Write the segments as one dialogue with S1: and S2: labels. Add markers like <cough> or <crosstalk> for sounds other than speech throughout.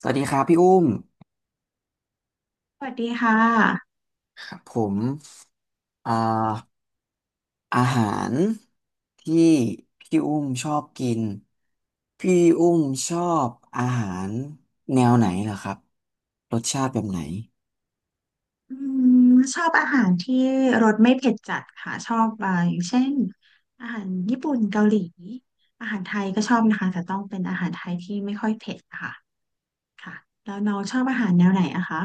S1: สวัสดีครับพี่อุ้ม
S2: สวัสดีค่ะ
S1: ครับผมอ่าอาหารที่พี่อุ้มชอบกินพี่อุ้มชอบอาหารแนวไหนเหรอครับรสชาติแบบไหน
S2: อืมชอบอาหารที่รสไม่เผ็ดจัดค่ะชอบอย่างเช่นอาหารญี่ปุ่นเกาหลีอาหารไทยก็ชอบนะคะแต่ต้องเป็นอาหารไทยที่ไม่ค่อยเผ็ดค่ะค่ะแล้วน้องชอบอาหารแนวไหนอะคะ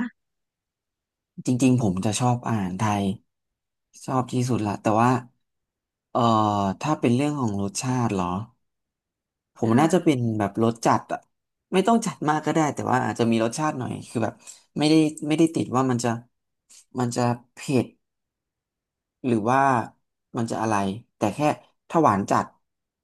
S1: จริงๆผมจะชอบอาหารไทยชอบที่สุดละแต่ว่าเอ่อถ้าเป็นเรื่องของรสชาติเหรอผมน่าจะเป็
S2: ค่ะ
S1: นแบบรสจัดอะไม่ต้องจัดมากก็ได้แต่ว่าอาจจะมีรสชาติหน่อยคือแบบไม่ได้ไม่ได้ติดว่ามันจะมันจะเผ็ด หรือว่ามันจะอะไรแต่แค่ถ้าหวานจัด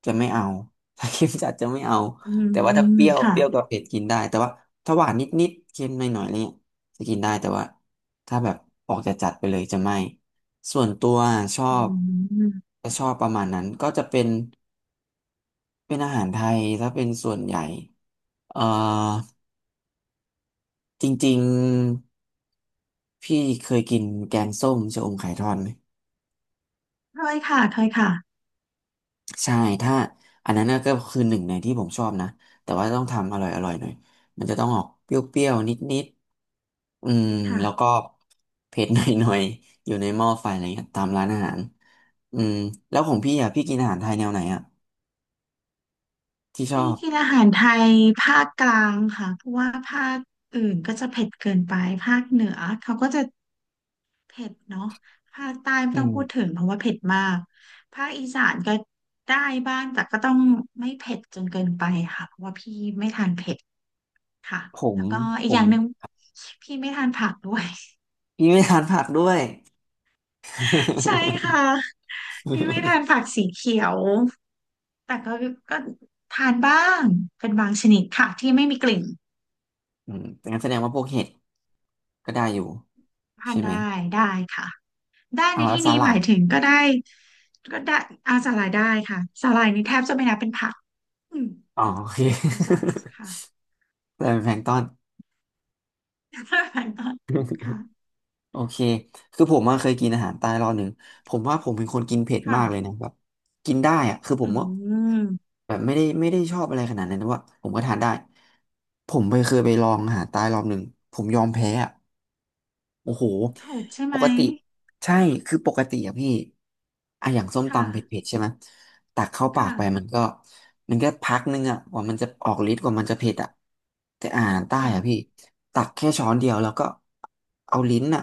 S1: จะไม่เอา <laughs> ถ้าเค็มจัดจะไม่เอา
S2: อื
S1: แต่ว่าถ้าเป
S2: ม
S1: รี้ยว
S2: ค่ะ
S1: เปรี้ยวกับเผ็ดกินได้แต่ว่าถ้าหวานนิดๆเค็มหน่อยๆอะไรเงี้ยจะกินได้แต่ว่าถ้าแบบออกจะจัดไปเลยจะไม่ส่วนตัวชอ
S2: อื
S1: บ
S2: ม
S1: จะชอบประมาณนั้นก็จะเป็นเป็นอาหารไทยถ้าเป็นส่วนใหญ่เอ่อจริงๆพี่เคยกินแกงส้มชะอมไข่ทอดไหม
S2: เคยค่ะเคยค่ะ
S1: ใช่ถ้าอันนั้นน่ะก็คือหนึ่งในที่ผมชอบนะแต่ว่าต้องทำอร่อยหน่อยมันจะต้องออกเปรี้ยวๆนิดๆอืม
S2: ค่ะ
S1: แล้วก็เผ็ดหน่อยๆอยู่ในหม้อไฟอะไรเงี้ยตามร้านอาหารอืมแล้วของพี่อ่ะพี่กินอาหารไทยแนวไหนอ่ะที่ชอ
S2: ที่
S1: บ
S2: กินอาหารไทยภาคกลางค่ะเพราะว่าภาคอื่นก็จะเผ็ดเกินไปภาคเหนือเขาก็จะ เผ็ดเนาะภาคใต้ไม่
S1: อื
S2: ต้อง
S1: ม
S2: พูดถึงเพราะว่าเผ็ดมากภาคอีสานก็ได้บ้างแต่ก็ต้องไม่เผ็ดจนเกินไปค่ะเพราะว่าพี่ไม่ทานเผ็ดค่ะ
S1: ผม
S2: แล้วก็อี
S1: ผ
S2: กอ
S1: ม
S2: ย่างหนึ่งพี่ไม่ทานผักด้วย
S1: พี่ไม่ทานผักด้วย
S2: <laughs> ใช่ค่ะพี่ไม่ทานผักสีเขียวแต่ก็ก็ทานบ้างเป็นบางชนิดค่ะที่ไม่มีกลิ่น
S1: <laughs> อืมงั้นแสดงว่าพวกเห็ดก็ได้อยู่
S2: ทา
S1: ใช่
S2: น
S1: ไหม
S2: ได้ได้ค่ะได้
S1: เอา
S2: ใน
S1: แล้ว
S2: ที่
S1: ส
S2: นี้ห
S1: ลั
S2: มา
S1: ด
S2: ยถึงก็ได้ก็ได้อาสาหร่ายได้ค่ะสาหร่ายนี่แทบจะไม่นับเป็นผักอืม
S1: อ๋อโอเค
S2: I'm sorry ค่ะ
S1: <laughs> แต่เป็นแพลงก์ตอน
S2: <laughs> ค่ะ
S1: โอเคคือผมอะเคยกินอาหารใต้รอบหนึ่งผมว่าผมเป็นคนกินเผ็ด
S2: ค่ะ
S1: มากเลยนะแบบกินได้อะคือผ
S2: อื
S1: มว่า
S2: ม
S1: แบบไม่ได้ชอบอะไรขนาดนั้นแต่ว่าผมก็ทานได้ ผมไปเคยไปลองอาหารใต้รอบหนึ่ง ผมยอมแพ้อะ โอ้โห
S2: ถอดใช่
S1: ป
S2: ไหม
S1: กติใช่ คือปกติอะพี่อะอย่างส้ม
S2: ค่ะ
S1: ตำเผ็ดๆใช่ไหมตักเข้าปากไปมั
S2: ค่ะ
S1: นก็มันก็พักนึงอะกว่ามันจะออกฤทธิ์กว่ามันจะเผ็ดอะแต่อาหารใต้อะพี่
S2: ค่ะ
S1: ตักแค่ช้อนเดียวแล้วก็เอาลิ้นอะ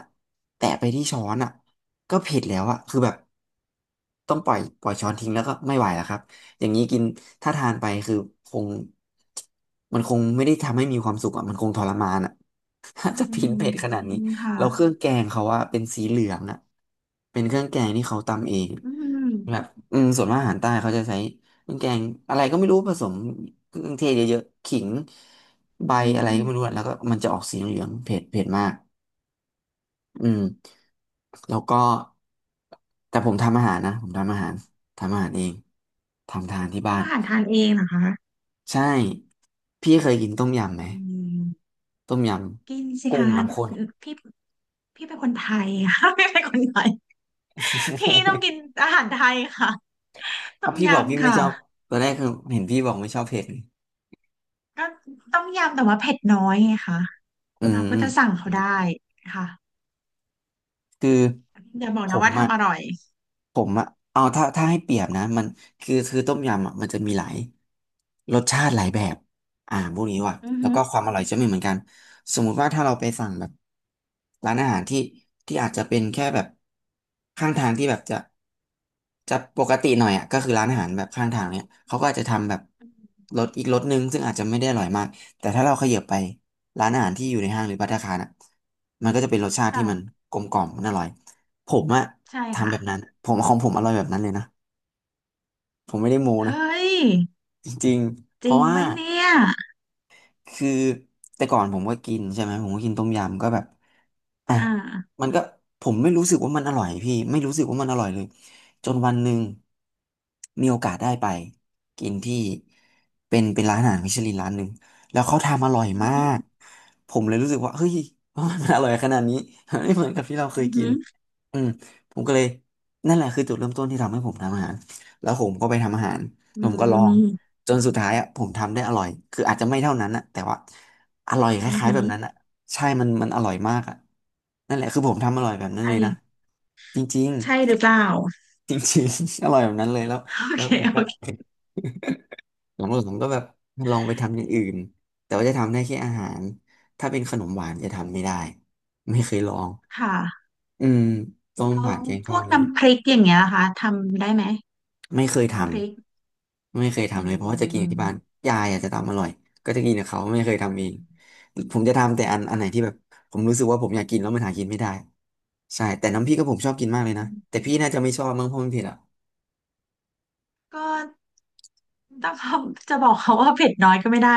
S1: แตะไปที่ช้อนอะก็เผ็ดแล้วอะคือแบบ ต้องปล่อยช้อนทิ้งแล้วก็ไม่ไหวแล้วครับอย่างนี้กินถ้าทานไปคือคงมันคงไม่ได้ทำให้มีความสุขอ่ะมันคงทรมานอ่ะ <laughs> ถ้า
S2: อื
S1: จะพิน
S2: ม
S1: เผ็ดข
S2: จ
S1: นาด
S2: ริ
S1: นี้
S2: งค่ะ
S1: แล้วเครื่องแกงเขาว่าเป็นสีเหลืองอ่ะเป็นเครื่องแกงที่เขาตำเอง
S2: อื
S1: แบบ
S2: ม
S1: อืมส่วนมากอาหารใต้เขาจะใช้เครื่องแกงอะไรก็ไม่รู้ผสมเครื่องเทศเยอะๆขิงใบ
S2: อื
S1: อะไรก็ไม่รู้
S2: ม
S1: อะแล้วก็มันจะออกสีเหลืองๆเผ็ดมาก อืมแล้วก็แต่ผมทำอาหารนะผมทำอาหารทำอาหารเองทำทานที่บ้า
S2: ทำ
S1: น
S2: อาหารทานเองเหรอคะ
S1: ใช่พี่เคยกินต้มยำไหม
S2: อืม
S1: ต้มย
S2: กินสิ
S1: ำกุ้ง
S2: คะ
S1: น้ำข้น
S2: คือพี่พี่เป็นคนไทยค่ะ <laughs> พี่เป็นคนไทยพี่ต้อง
S1: <laughs>
S2: กินอาหารไทยค่ะ ต้
S1: ถ้า
S2: ม
S1: พี่บอกพี่
S2: ยำ
S1: ไม่
S2: ค่ะ
S1: ชอบตอนแรกคือเห็นพี่บอกไม่ชอบเผ็ดไง
S2: ก็ต้มยำแต่ว่าเผ็ดน้อยไงคะ
S1: อื
S2: เราก็จะสั่ง
S1: ม
S2: เขาได้ค่ะ
S1: คือ
S2: อย่าบอก
S1: ผ
S2: นะ
S1: ม
S2: ว่า
S1: อ่ะ
S2: ทำอร่อย
S1: ผมอ่ะเอาถ้าถ้าให้เปรียบนะมันคือต้มยำอ่ะมันจะมีหลายรสชาติหลายแบบอ่าพวกนี้ว่ะ
S2: อือ
S1: แล้ว
S2: ฮึ
S1: ก็ความอร่อยจะไม่เหมือนกันสมมุติว่าถ้าเราไปสั่งแบบร้านอาหารที่อาจจะเป็นแค่แบบข้างทางที่แบบจะปกติหน่อยอ่ะก็คือร้านอาหารแบบข้างทางเนี่ยเขาก็อาจจะทำแบบรสอีกรสหนึงซึ่งอาจจะไม่ได้อร่อยมากแต่ถ้าเราเขยับไป ร้านอาหารที่อยู่ในห้างหรือภัตตาคารอ่ะมันก็จะเป็นรสชาติที่
S2: ค่ะ
S1: มันกลมกล่อมมันอร่อย ผมอะ
S2: ใช่
S1: ทำ
S2: ค่ะ
S1: แบบนั้นผมของผมอร่อยแบบนั้นเลยนะ ผมไม่ได้โม้
S2: เฮ้
S1: นะ
S2: ย
S1: จริงๆเพ
S2: จริ
S1: ราะ
S2: ง
S1: ว่า
S2: ปะเนี่ย
S1: คือแต่ก่อนผมก็กินใช่ไหมผมก็กินต้มยำก็แบบอ่ะ
S2: อ่า
S1: มันก็ผมไม่รู้สึกว่ามันอร่อยพี่ไม่รู้สึกว่ามันอร่อยเลยจนวันหนึ่งมีโอกาสได้ไปกินที่เป็นเป็นร้านอาหารมิชลินร้านหนึ่งแล้วเขาทำอร่อย
S2: อือ
S1: มา
S2: หือ
S1: กผมเลยรู้สึกว่าเฮ้ยมันอร่อยขนาดนี้ <laughs> ไม่เหมือนกับที่เราเคย
S2: อือ
S1: กิ
S2: หื
S1: น
S2: อ
S1: อืมผมก็เลยนั่นแหละคือจุดเริ่มต้นที่ทำให้ผมทำอาหารแล้วผมก็ไปทำอาหาร
S2: อื
S1: ผม
S2: ม
S1: ก็ลอง
S2: อื
S1: จนสุดท้ายอ่ะผมทำได้อร่อยคืออาจจะไม่เท่านั้นอะแต่ว่าอร่อยค
S2: อ
S1: ล้ายๆ
S2: หื
S1: แบ
S2: อ
S1: บนั้นอะใช่มันอร่อยมากอะนั่นแหละคือผมทำอร่อยแบบนั้นเลยนะ
S2: ใช่
S1: จริง
S2: ใช่หรือเป
S1: <laughs>
S2: ล่า
S1: ๆจริงๆ <laughs> อร่อยแบบนั้นเลยแล้ว
S2: โอ
S1: แล้ว
S2: เค
S1: ผมก็
S2: โอ
S1: หลั
S2: เค
S1: งๆ <laughs> ผมก็แบบลองไปทำอย่างอื่นแต่ว่าจะทำได้แค่อาหารถ้าเป็นขนมหวานจะทำไม่ได้ไม่เคยลอง
S2: ค่ะ
S1: อืมต้ม
S2: แล้ว
S1: ผัดแกงท
S2: พ
S1: อ
S2: ว
S1: ด
S2: ก
S1: อะไรอย่างเงี้ย
S2: น้ำพริกอย่างเงี้ยนะคะทำได้ไหม
S1: ไม่เคยท
S2: น้ำพริก
S1: ำไม่เคย
S2: อื
S1: ทำเลยเพราะว่าจะกินกับที่บ้าน
S2: ม
S1: ยายอาจจะทำอร่อยก็จะกินกับเขาไม่เคยทำเองผมจะทำแต่อันไหน
S2: ค่ะ
S1: ที่แบบผมรู้สึกว่าผมอยากกินแล้วมันหากินไม่ได้ใช่แต่น้ำพริกก็ผมชอบกินมากเลยนะแต่พี่น่าจะไม่ชอบมั้งเพราะมันเผ็ดอ่ะ
S2: ก็ ต้องเขาจะบอกเขาว่าเผ็ดน้อยก็ไม่ได้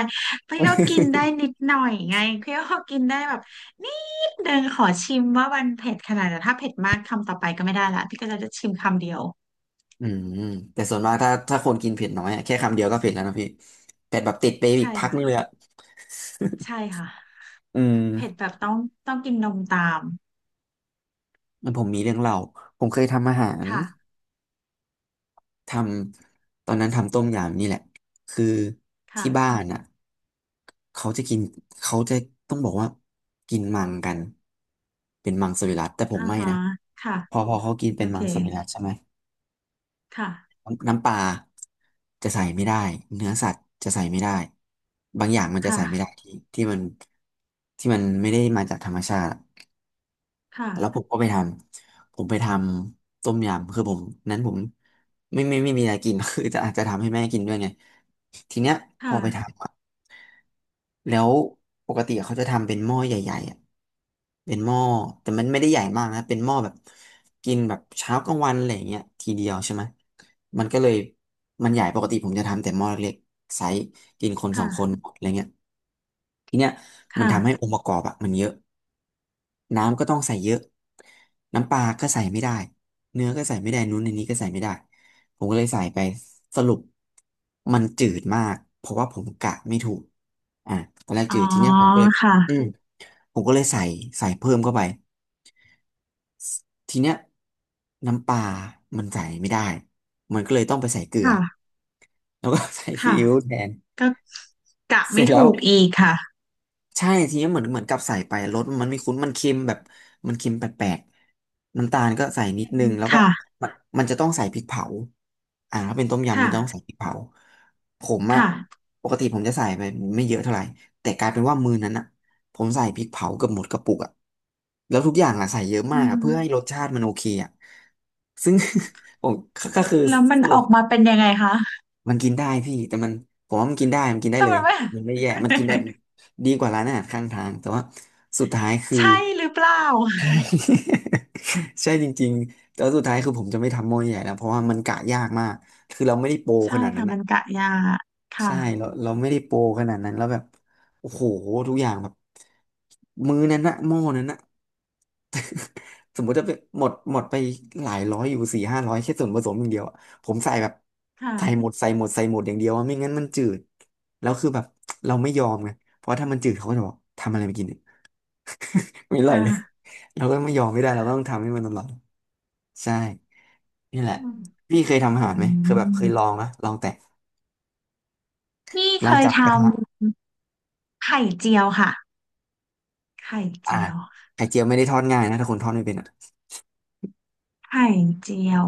S2: พี่ก็กินได้
S1: <laughs>
S2: นิดหน่อยไงพี่ก็กินได้แบบนิดเดินงขอชิมว่ามันเผ็ดขนาดไหนแต่ถ้าเผ็ดมากคำต่อไปก็ไม่ได้ละพี่ก็จะชิมคำเดียว
S1: อืมแต่ส่วนมากถ้าคนกินเผ็ดน้อยอะแค่คำเดียวก็เผ็ดแล้วนะพี่เผ็ดแบบติดไปอี
S2: ใช่
S1: กพัก
S2: ค่ะ
S1: นึงเลยอ่ะ
S2: ใช่ค่ะ
S1: อื
S2: เผ็ด
S1: ม
S2: แบบต้องกินนมตาม
S1: มันผมมีเรื่องเล่าผมเคยทำอาหาร
S2: ค่ะ
S1: ทำตอนนั้นทำต้มยำนี่แหละคือ
S2: ค่ะ
S1: ที่บ้านอ่ะเขาจะกินเขาจะต้องบอกว่ากินมังกันเป็นมังสวิรัติแต่ผม
S2: อ่า
S1: ไม่
S2: ฮะ
S1: นะ
S2: ค่ะ
S1: พอเขากิน
S2: โอ
S1: เป็น
S2: เค
S1: มังสวิรัติใช่ไหม
S2: ค่ะ
S1: น้ำปลาจะใส่ไม่ได้เนื้อสัตว์จะใส่ไม่ได้บางอย่างมันจะ
S2: ค่ะ
S1: ใส่ไม่ได้ที่มันที่มันไม่ได้มาจากธรรมชาติ แล้วผ
S2: ค่ะ
S1: มก็ไปทำผมไปทำต้มยำคือผมนั้นผมไม่ไม่ไม่ไมมีอะไรกิน <laughs> คือจะอาจจะทำให้แม่กินด้วยไงทีเนี้ยพอไป
S2: ค่ะ
S1: ทำอะแล้วปกติเขาจะทำเป็นหม้อใหญ่ๆอะเป็นหม้อแต่มันไม่ได้ใหญ่มากนะเป็นหม้อแบบกินแบบเช้ากลางวันอะไรอย่างเงี้ยทีเดียวใช่ไหมมันก็เลยมันใหญ่ปกติผมจะทำแต่หม้อเล็กๆไซส์กินคนสอ
S2: ค่ะ
S1: งคนอะไรเงี้ย ทีเนี้ยมัน
S2: ค่ะ
S1: ทำให้องค์ประกอบอะมันเยอะน้ำก็ต้องใส่เยอะน้ำปลาก็ใส่ไม่ได้เนื้อก็ใส่ไม่ได้นู้นในนี้ก็ใส่ไม่ได้ผมก็เลยใส่ไปสรุปมันจืดมากเพราะว่าผมกะไม่ถูกอ่ะตอนแรก
S2: อ๋
S1: จื
S2: อ
S1: ดทีเนี้ยผมก็เลย
S2: ค่ะ
S1: อืมผมก็เลยใส่ใส่เพิ่มเข้าไปทีเนี้ยน้ำปลามันใส่ไม่ได้มันก็เลยต้องไปใส่เกลือ
S2: ค่ะ
S1: แล้วก็ <laughs> ใส่ซี
S2: ค่ะ
S1: อิ๊วแทน
S2: ก็กะ
S1: เส
S2: ไม่
S1: ร็จแล้
S2: ถู
S1: ว
S2: กอีกค่ะ
S1: ใช่ทีนี้เหมือนกับใส่ไปรสมันไม่คุ้นมันเค็มแบบมันเค็มแปลกๆน้ำตาลก็ใส่นิดนึงแล้วก็
S2: ค่ะ
S1: มันมันจะต้องใส่พริกเผาอ่าถ้าเป็นต้มยำมั
S2: ค่ะ
S1: นต้องใส่พริกเผาผมอะ
S2: ค่ะ
S1: ปกติผมจะใส่ไปไม่เยอะเท่าไหร่แต่กลายเป็นว่ามื้อนั้นอะผมใส่พริกเผาเกือบหมดกระปุกอะแล้วทุกอย่างอะใส่เยอะ
S2: อื
S1: มากอะเพื่อให้
S2: ม
S1: รสชาติมันโอเคอะซึ่ง <laughs> ผมก็ก็คือ
S2: แล้วมันออกมาเป็นยังไงคะ
S1: มันกินได้พี่แต่มันผมว่ามันกินได้มันกินได้
S2: แต่
S1: เล
S2: มั
S1: ย
S2: นไม่
S1: มันไม่แย่มันกินได้ดีกว่าร้านอาหารข้างทางแต่ว่าสุดท้ายคื
S2: <laughs>
S1: อ
S2: ใช่หรือเปล่า
S1: <laughs> ใช่ <laughs> ใช่จริงๆแต่ว่าสุดท้ายคือผมจะไม่ทำหม้อใหญ่แล้วเพราะว่ามันกะยากมากคือเราไม่ได้โปร
S2: ใช่
S1: ขนาดนั้
S2: ค่ะ
S1: น
S2: มั
S1: อะ
S2: นกะยาค่ะ
S1: ใช่เราไม่ได้โปรขนาดนั้นแล้วแบบโอ้โหทุกอย่างแบบมื้อนั้นนะหม้อนั้นนะ สมมุติจะเป็นหมดไปหลายร้อยอยู่สี่ห้าร้อยแค่ส่วนผสมอย่างเดียวอะผมใส่แบบใส่
S2: ค่ะ
S1: หมดใส่หมดใส่หมดอย่างเดียวอะไม่งั้นมันจืดแล้วคือแบบเราไม่ยอมไงเพราะถ้ามันจืดเขาก็จะบอกทำอะไรไม่กินเนี่ยไม่อร่อย
S2: ค่ะ
S1: เลย <laughs> เราก็ไม่ยอมไม่ได้เราก็ต้องทำให้มันอร่อยใช่นี่แห
S2: อื
S1: ละ
S2: ม
S1: พี่เคยทำอา
S2: อื
S1: หารไหมเคยแบบเคยล
S2: ม
S1: องนะลองแต่
S2: นี่
S1: ล
S2: เค
S1: อง
S2: ย
S1: จาก
S2: ท
S1: กระทะ
S2: ำไข่เจียวค่ะไข่
S1: อ่า
S2: เจียว
S1: ไข่เจียวไม่ได้ทอดง่ายนะถ้าคนทอดไม่เป็นอะ
S2: ไข่เจียว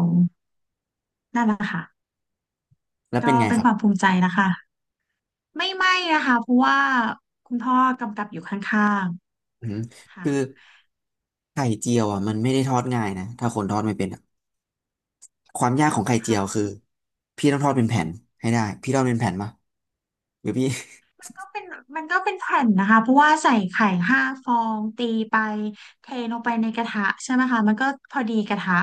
S2: นั่นแหละค่ะ
S1: แล้วเป็
S2: ก็
S1: นไง
S2: เป็
S1: ค
S2: น
S1: รั
S2: ค
S1: บ
S2: วามภูมิใจนะคะไม่ไหม้นะคะเพราะว่าคุณพ่อกำกับอยู่ข้าง
S1: อืม
S2: ๆค่ะ
S1: คือไข่เจียวอ่ะมันไม่ได้ทอดง่ายนะถ้าคนทอดไม่เป็นอะ ความยากของไข่เจียวคือพี่ต้องทอดเป็นแผ่นให้ได้พี่ทอดเป็นแผ่นปะหรือพี่
S2: ก็เป็นมันก็เป็นแผ่นนะคะเพราะว่าใส่ไข่5 ฟองตีไปเทลงไปในกระทะใช่ไหมคะมันก็พอดีกระทะ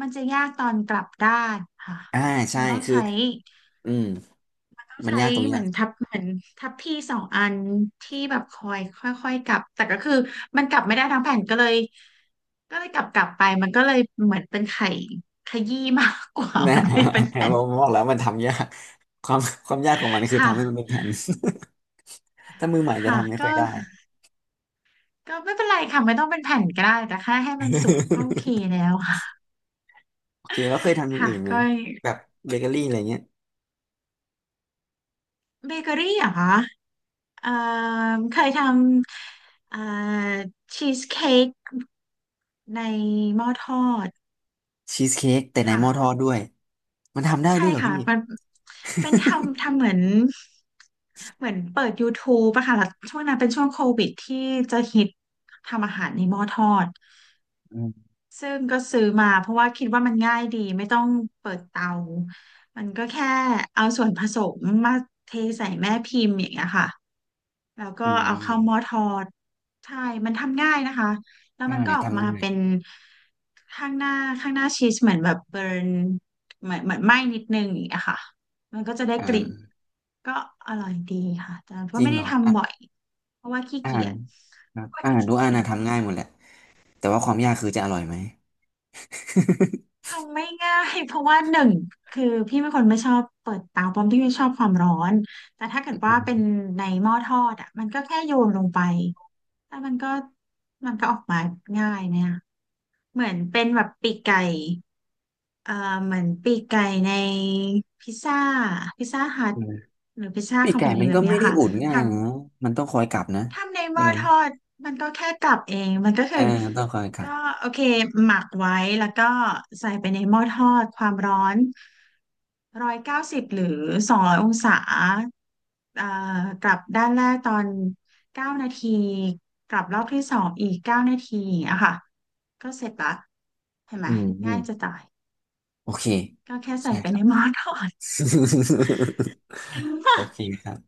S2: มันจะยากตอนกลับด้านค่ะ
S1: <laughs> อ่าใช่
S2: มันต้อง
S1: คือ
S2: ใช้
S1: อืม
S2: ต้อง
S1: มัน
S2: ใช้
S1: ยากตรงเนี้
S2: เห
S1: ย
S2: มือนทับเหมือนทับพี่2 อันที่แบบคอยค่อยๆกลับแต่ก็คือมันกลับไม่ได้ทั้งแผ่นก็เลยกลับไปมันก็เลยเหมือนเป็นไข่ขยี้มากกว่า
S1: นะ
S2: <laughs> มันไม่เป็น
S1: <laughs>
S2: แผ่
S1: ผ
S2: น
S1: มบอกแล้วมันทำยากความความยากของมันคื
S2: ค
S1: อทำให้มันเป็น
S2: ่ะ
S1: แผ่น <laughs> ถ้ามือใหม่จะ
S2: ค่ะ
S1: ทำไม่
S2: ก็
S1: ค่อยได้
S2: ไม่เป็นไรค่ะไม่ต้องเป็นแผ่นก็ได้แต่แค่ให้มันสุกก็โอเค
S1: <laughs>
S2: แล้วค่ะ
S1: โอเคแล้วเคย
S2: <laughs>
S1: ทำอย่าง
S2: ค่ะ
S1: อื่นไหม
S2: ก็
S1: แบบเบเกอรี่อะไรเงี้ย
S2: เบเกอรี่เหรอคะเอ่อเคยทำชีสเค้กในหม้อทอด
S1: ชีสเค้กแต่ใน
S2: ค่ะ
S1: หม้อทอดด้วยมันทำได้
S2: ใช่
S1: ด้วยเหรอ
S2: ค่ะ
S1: พี่
S2: มันเป็นทำเหมือนเปิด YouTube อะค่ะแล้วช่วงนั้นเป็นช่วงโควิดที่จะฮิตทำอาหารในหม้อทอด
S1: <laughs> อืม
S2: ซึ่งก็ซื้อมาเพราะว่าคิดว่ามันง่ายดีไม่ต้องเปิดเตา มันก็แค่เอาส่วนผสมมาเทใส่แม่พิมพ์อย่างเงี้ยค่ะแล้วก็
S1: อื
S2: เอาเข้าหม้อ
S1: ม
S2: ทอดใช่มันทำง่ายนะคะแล้ว
S1: ใช่
S2: มันก็ออก
S1: ทำ
S2: มา
S1: ง่า
S2: เป็น
S1: ย
S2: ข้างหน้าข้างหน้าชีสเหมือนแบบเบิร์นเหมือนไหม้นิดนึงอย่างเงี้ยค่ะมันก็จะได้กลิ่น
S1: อ่า
S2: ก็อร่อยดีค่ะแต่
S1: จ
S2: ก็
S1: ริง
S2: ไม่
S1: เห
S2: ได้
S1: รอ
S2: ทำบ่อยเพราะว่าขี้
S1: อา
S2: เกี
S1: หาร
S2: ยจ
S1: ครับอาหารทุกอันนะ
S2: <laughs>
S1: ทำง่ายหมดแหละแต่ว่าความยากคือจะอร่อยไหม
S2: ทำไม่ง่าย <laughs> เพราะว่าหนึ่งคือพี่เป็นคนไม่ชอบเปิดเตาเพราะพี่ไม่ชอบความร้อนแต่ถ้าเกิด
S1: <laughs> อื
S2: ว่าเป็น
S1: ม
S2: ในหม้อทอดอ่ะมันก็แค่โยนลงไปแล้วมันก็ออกมาง่ายเนี่ยเหมือนเป็นแบบปีกไก่เอ่อเหมือนปีกไก่ในพิซซ่าพิซซ่าฮัท
S1: อืม
S2: หรือพิซซ่า
S1: <laughs> ปี
S2: ค
S1: ก
S2: อม
S1: ไก่
S2: พานี
S1: มัน
S2: แบ
S1: ก็
S2: บเนี้
S1: ไม่
S2: ย
S1: ได้
S2: ค่ะ
S1: อุ่น
S2: ท
S1: ง่ายนะมันต้องคอยกลับนะ
S2: ทำในห
S1: ใช่
S2: ม้อ
S1: ไหม
S2: ทอดมันก็แค่กลับเองมันก็
S1: เอ
S2: คือ
S1: ออต้องคอยกลั
S2: ก็
S1: บ
S2: โอเคหมักไว้แล้วก็ใส่ไปในหม้อทอดความร้อน190หรือ200องศาอ่ากลับด้านแรกตอนเก้านาทีกลับรอบที่สองอีกเก้านาทีอะค่ะก็เสร็จละเห็นไหม
S1: อืมอื
S2: ง่าย
S1: ม
S2: จะตาย
S1: โอเค
S2: ก็แค่ใส่
S1: ใช่
S2: ไป
S1: ครั
S2: ใน
S1: บ
S2: หม้อทอด
S1: <laughs>
S2: <laughs> จริงป่ะ
S1: โอเคครับ